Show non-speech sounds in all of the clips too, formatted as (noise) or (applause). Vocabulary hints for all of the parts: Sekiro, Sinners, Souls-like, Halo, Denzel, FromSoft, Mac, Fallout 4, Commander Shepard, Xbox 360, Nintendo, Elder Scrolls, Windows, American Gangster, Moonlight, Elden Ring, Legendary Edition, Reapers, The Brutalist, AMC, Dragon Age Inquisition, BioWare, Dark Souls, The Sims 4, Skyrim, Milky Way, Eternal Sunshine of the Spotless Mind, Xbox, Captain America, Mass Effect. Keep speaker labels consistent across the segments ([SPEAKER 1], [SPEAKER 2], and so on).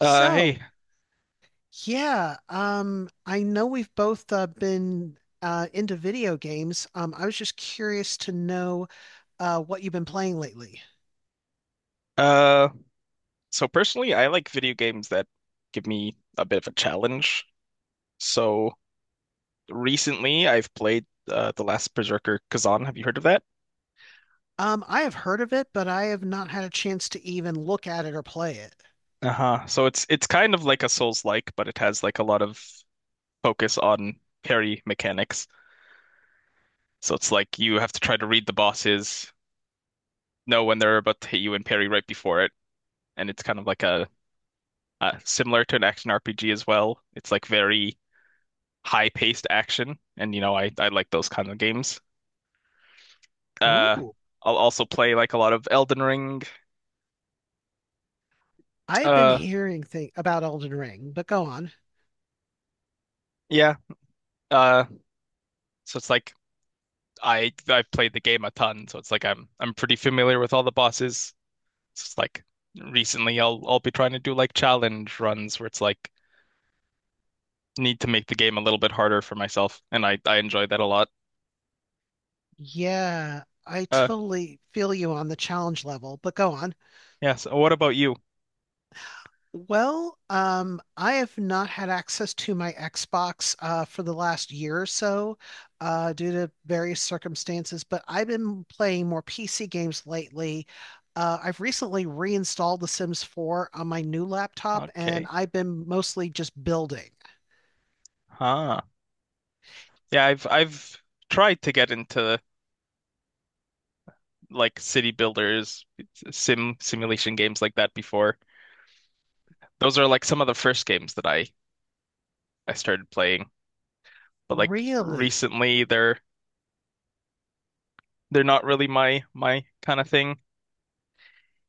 [SPEAKER 1] Uh, hey,
[SPEAKER 2] So, yeah, I know we've both been into video games. I was just curious to know what you've been playing lately.
[SPEAKER 1] uh, so personally, I like video games that give me a bit of a challenge. So recently, I've played The Last Berserker Kazan. Have you heard of that?
[SPEAKER 2] I have heard of it, but I have not had a chance to even look at it or play it.
[SPEAKER 1] Uh-huh. So it's kind of like a Souls-like, but it has like a lot of focus on parry mechanics. So it's like you have to try to read the bosses, know when they're about to hit you, and parry right before it. And it's kind of like a similar to an action RPG as well. It's like very high-paced action, and I like those kind of games. Uh,
[SPEAKER 2] Ooh,
[SPEAKER 1] I'll also play like a lot of Elden Ring.
[SPEAKER 2] I've been
[SPEAKER 1] Uh,
[SPEAKER 2] hearing thing about Elden Ring, but go on.
[SPEAKER 1] yeah. Uh, so it's like I've played the game a ton, so it's like I'm pretty familiar with all the bosses. So it's like recently I'll be trying to do like challenge runs where it's like need to make the game a little bit harder for myself, and I enjoy that a lot.
[SPEAKER 2] Yeah, I
[SPEAKER 1] Uh,
[SPEAKER 2] totally feel you on the challenge level, but go on.
[SPEAKER 1] yeah. So what about you?
[SPEAKER 2] Well, I have not had access to my Xbox for the last year or so due to various circumstances, but I've been playing more PC games lately. I've recently reinstalled The Sims 4 on my new laptop, and
[SPEAKER 1] Okay.
[SPEAKER 2] I've been mostly just building.
[SPEAKER 1] Huh. Yeah, I've tried to get into like city builders, simulation games like that before. Those are like some of the first games that I started playing. But like
[SPEAKER 2] Really?
[SPEAKER 1] recently they're not really my kind of thing. (laughs)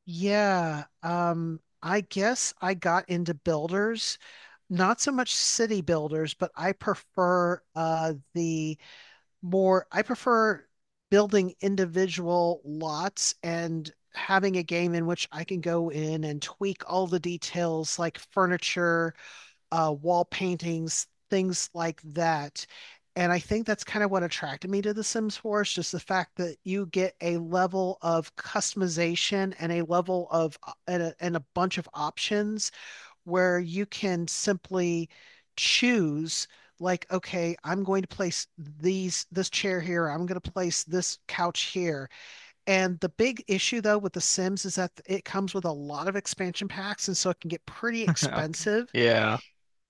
[SPEAKER 2] Yeah, I guess I got into builders, not so much city builders, but I prefer the more, I prefer building individual lots and having a game in which I can go in and tweak all the details like furniture wall paintings, things like that. And I think that's kind of what attracted me to The Sims 4 is just the fact that you get a level of customization and a level of and a bunch of options where you can simply choose like, okay, I'm going to place these this chair here, I'm going to place this couch here. And the big issue though with The Sims is that it comes with a lot of expansion packs, and so it can get pretty
[SPEAKER 1] Okay.
[SPEAKER 2] expensive.
[SPEAKER 1] Yeah.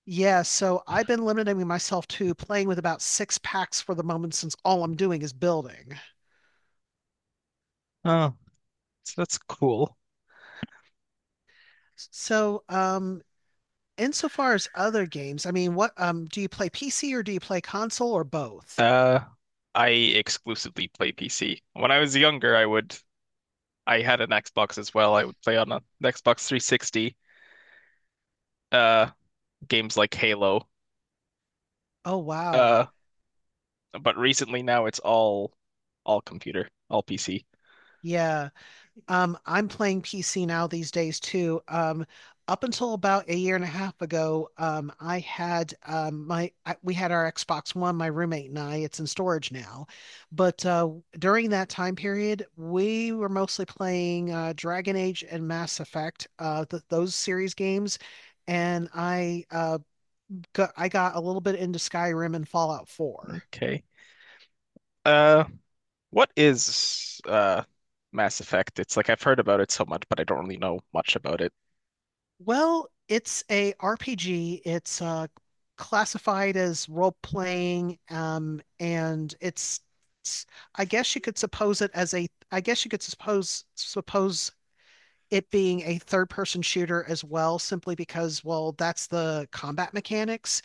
[SPEAKER 2] Yeah, so I've been limiting myself to playing with about six packs for the moment since all I'm doing is building.
[SPEAKER 1] Oh, so that's cool.
[SPEAKER 2] So, um, insofar as other games, I mean, what do you play PC or do you play console or both?
[SPEAKER 1] Uh I exclusively play PC. When I was younger, I had an Xbox as well. I would play on an Xbox 360. Uh Games like Halo.
[SPEAKER 2] Oh, wow.
[SPEAKER 1] Uh But recently now it's all all PC.
[SPEAKER 2] Yeah. I'm playing PC now these days too. Up until about a year and a half ago, I had we had our Xbox One, my roommate and I. It's in storage now, but during that time period, we were mostly playing Dragon Age and Mass Effect, th those series games, and I got a little bit into Skyrim and Fallout 4.
[SPEAKER 1] Okay. Uh, what is Mass Effect? It's like I've heard about it so much, but I don't really know much about it.
[SPEAKER 2] Well, it's a RPG. It's classified as role playing, and it's- I guess you could suppose it as a. I guess you could suppose it being a third person shooter as well, simply because well, that's the combat mechanics.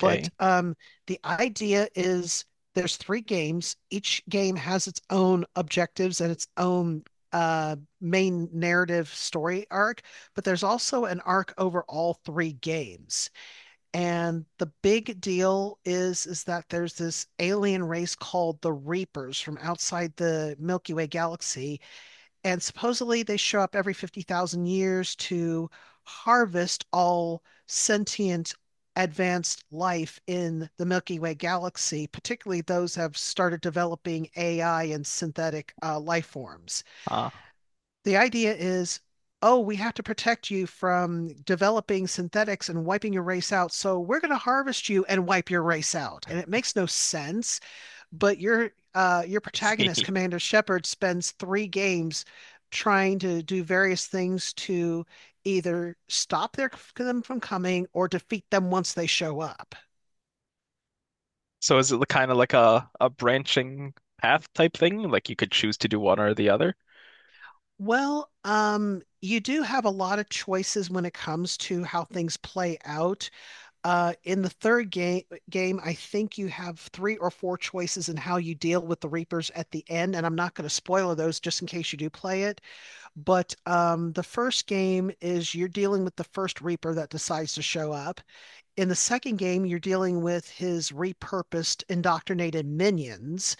[SPEAKER 2] But the idea is there's three games. Each game has its own objectives and its own uh, main narrative story arc, but there's also an arc over all three games. And the big deal is that there's this alien race called the Reapers from outside the Milky Way galaxy, and supposedly they show up every 50,000 years to harvest all sentient advanced life in the Milky Way galaxy, particularly those have started developing AI and synthetic life forms.
[SPEAKER 1] Ah,
[SPEAKER 2] The idea is, oh, we have to protect you from developing synthetics and wiping your race out. So we're going to harvest you and wipe your race out. And it makes no sense but your
[SPEAKER 1] I
[SPEAKER 2] protagonist,
[SPEAKER 1] see. (laughs)
[SPEAKER 2] Commander Shepard, spends three games trying to do various things to either stop them from coming or defeat them once they show up.
[SPEAKER 1] So is it kind of like a branching path type thing? Like you could choose to do one or the other?
[SPEAKER 2] Well, you do have a lot of choices when it comes to how things play out. In the third game, I think you have three or four choices in how you deal with the Reapers at the end, and I'm not going to spoil those just in case you do play it. But the first game is you're dealing with the first Reaper that decides to show up. In the second game, you're dealing with his repurposed, indoctrinated minions.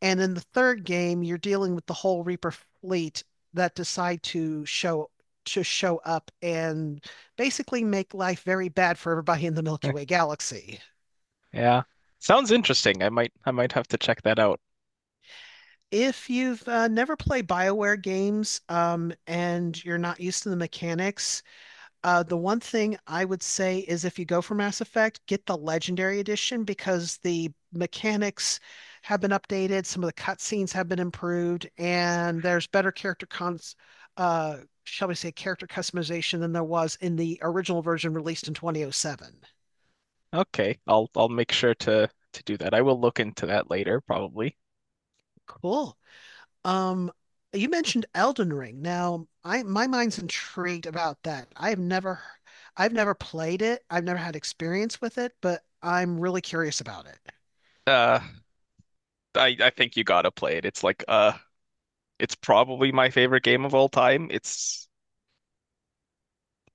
[SPEAKER 2] And in the third game, you're dealing with the whole Reaper fleet that decide to show up and basically make life very bad for everybody in the Milky Way
[SPEAKER 1] (laughs)
[SPEAKER 2] galaxy.
[SPEAKER 1] Yeah. Sounds interesting. I might have to check that out.
[SPEAKER 2] If you've never played BioWare games and you're not used to the mechanics, the one thing I would say is if you go for Mass Effect, get the Legendary Edition because the mechanics have been updated, some of the cutscenes have been improved, and there's uh, shall we say, character customization than there was in the original version released in 2007.
[SPEAKER 1] Okay. I'll make sure to do that. I will look into that later, probably.
[SPEAKER 2] Cool. Um, you mentioned Elden Ring. Now, I my mind's intrigued about that. I've never played it. I've never had experience with it, but I'm really curious about it.
[SPEAKER 1] Uh, I think you gotta play it. It's like a it's probably my favorite game of all time. It's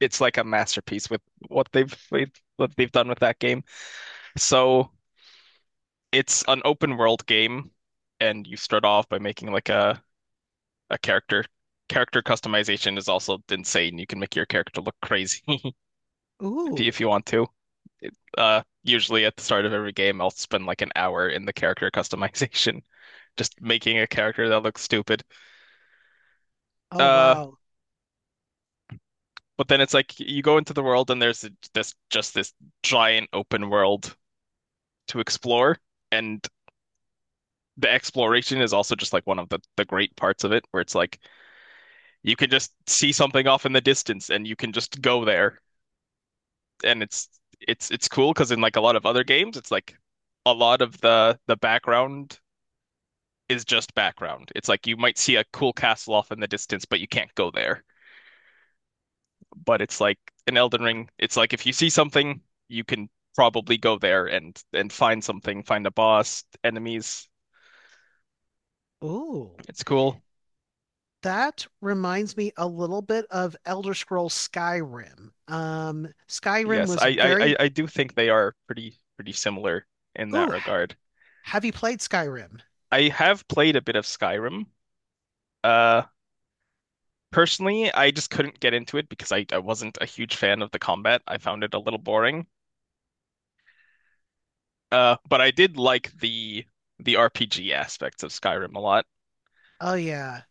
[SPEAKER 1] it's like a masterpiece with what they've with what they've done with that game. So it's an open world game, and you start off by making like a character. Character customization is also insane. You can make your character look crazy (laughs) if
[SPEAKER 2] Ooh.
[SPEAKER 1] you want to. Usually at the start of every game, I'll spend like an hour in the character customization, (laughs) just making a character that looks stupid.
[SPEAKER 2] Oh,
[SPEAKER 1] Uh,
[SPEAKER 2] wow.
[SPEAKER 1] but then it's like you go into the world and there's this giant open world to explore. And the exploration is also just like one of the great parts of it, where it's like you can just see something off in the distance and you can just go there. And it's cool because in like a lot of other games, it's like a lot of the background is just background. It's like you might see a cool castle off in the distance, but you can't go there. But it's like in Elden Ring, it's like if you see something, you can probably go there and find something, find a boss, enemies.
[SPEAKER 2] Ooh.
[SPEAKER 1] It's cool.
[SPEAKER 2] That reminds me a little bit of Elder Scrolls Skyrim. Skyrim
[SPEAKER 1] Yes,
[SPEAKER 2] was
[SPEAKER 1] I,
[SPEAKER 2] very,
[SPEAKER 1] I do think they are pretty similar in that
[SPEAKER 2] ooh,
[SPEAKER 1] regard.
[SPEAKER 2] have you played Skyrim?
[SPEAKER 1] I have played a bit of Skyrim. Uh, Personally, I just couldn't get into it because I wasn't a huge fan of the combat. I found it a little boring. But I did like the RPG aspects of Skyrim a lot.
[SPEAKER 2] Oh yeah.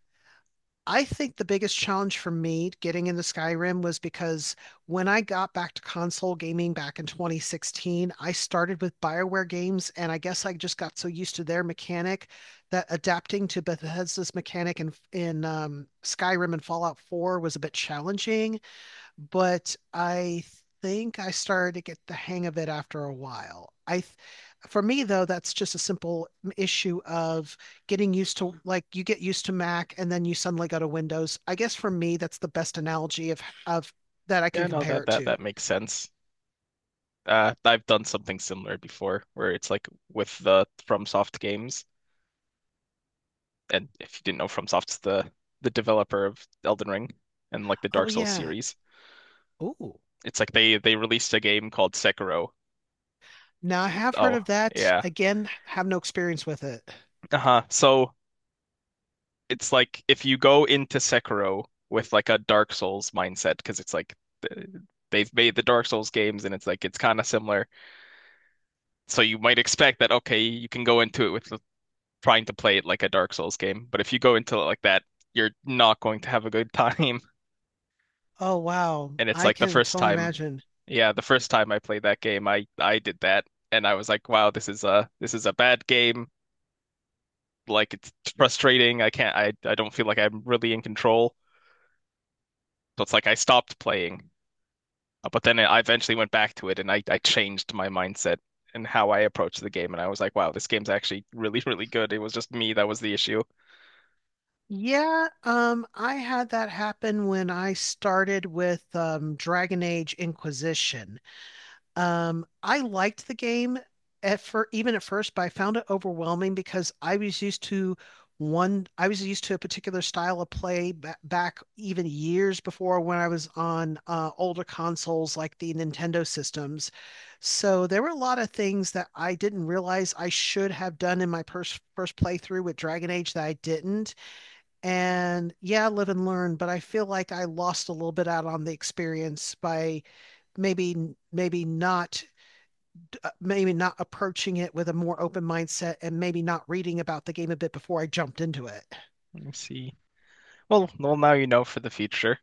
[SPEAKER 2] I think the biggest challenge for me getting into Skyrim was because when I got back to console gaming back in 2016, I started with BioWare games, and I guess I just got so used to their mechanic that adapting to Bethesda's mechanic in Skyrim and Fallout 4 was a bit challenging but I think I started to get the hang of it after a while. For me though, that's just a simple issue of getting used to like you get used to Mac and then you suddenly go to Windows. I guess for me, that's the best analogy of that I can
[SPEAKER 1] Yeah, no, that
[SPEAKER 2] compare it
[SPEAKER 1] that
[SPEAKER 2] to.
[SPEAKER 1] that makes sense. I've done something similar before, where it's like with the FromSoft games, and if you didn't know, FromSoft's the developer of Elden Ring and like the
[SPEAKER 2] Oh
[SPEAKER 1] Dark Souls
[SPEAKER 2] yeah.
[SPEAKER 1] series.
[SPEAKER 2] Oh,
[SPEAKER 1] It's like they released a game called Sekiro.
[SPEAKER 2] now I have heard of
[SPEAKER 1] Oh,
[SPEAKER 2] that.
[SPEAKER 1] yeah.
[SPEAKER 2] Again, have no experience with it.
[SPEAKER 1] Uh-huh. So it's like if you go into Sekiro with like a Dark Souls mindset, because it's like th- they've made the Dark Souls games and it's like it's kind of similar. So you might expect that okay, you can go into it with trying to play it like a Dark Souls game, but if you go into it like that, you're not going to have a good time. (laughs)
[SPEAKER 2] Oh wow,
[SPEAKER 1] And it's
[SPEAKER 2] I
[SPEAKER 1] like
[SPEAKER 2] can totally imagine.
[SPEAKER 1] the first time I played that game, I did that and I was like, wow, this is a bad game. Like it's frustrating. I don't feel like I'm really in control. So it's like I stopped playing. But then I eventually went back to it and I changed my mindset and how I approached the game and I was like, wow, this game's actually really (laughs) really good. It was just me that was the issue.
[SPEAKER 2] Yeah, I had that happen when I started with Dragon Age Inquisition. I liked the game at fir even at first, but I found it overwhelming because I was used to one, I was used to a particular style of play ba back even years before when I was on older consoles like the Nintendo systems. So there were a lot of things that I didn't realize I should have done in my pers first playthrough with Dragon Age that I didn't and yeah, live and learn, but I feel like I lost a little bit out on the experience by maybe maybe not maybe not approaching it with a more open mindset and maybe not reading about the game a bit before I jumped into it.
[SPEAKER 1] Let me see. Well now you know for the future.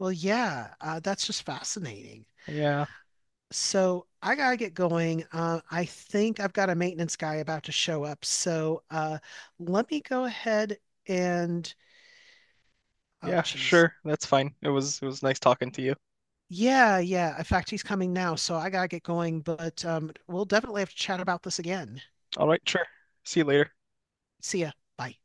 [SPEAKER 2] Well, yeah, that's just fascinating.
[SPEAKER 1] Yeah.
[SPEAKER 2] So I gotta get going. I think I've got a maintenance guy about to show up. So let me go ahead and oh,
[SPEAKER 1] Yeah,
[SPEAKER 2] geez,
[SPEAKER 1] sure. That's fine. It was nice talking to you.
[SPEAKER 2] yeah, yeah. In fact, he's coming now, so I gotta get going, but we'll definitely have to chat about this again.
[SPEAKER 1] All right, sure. See you later.
[SPEAKER 2] See ya. Bye.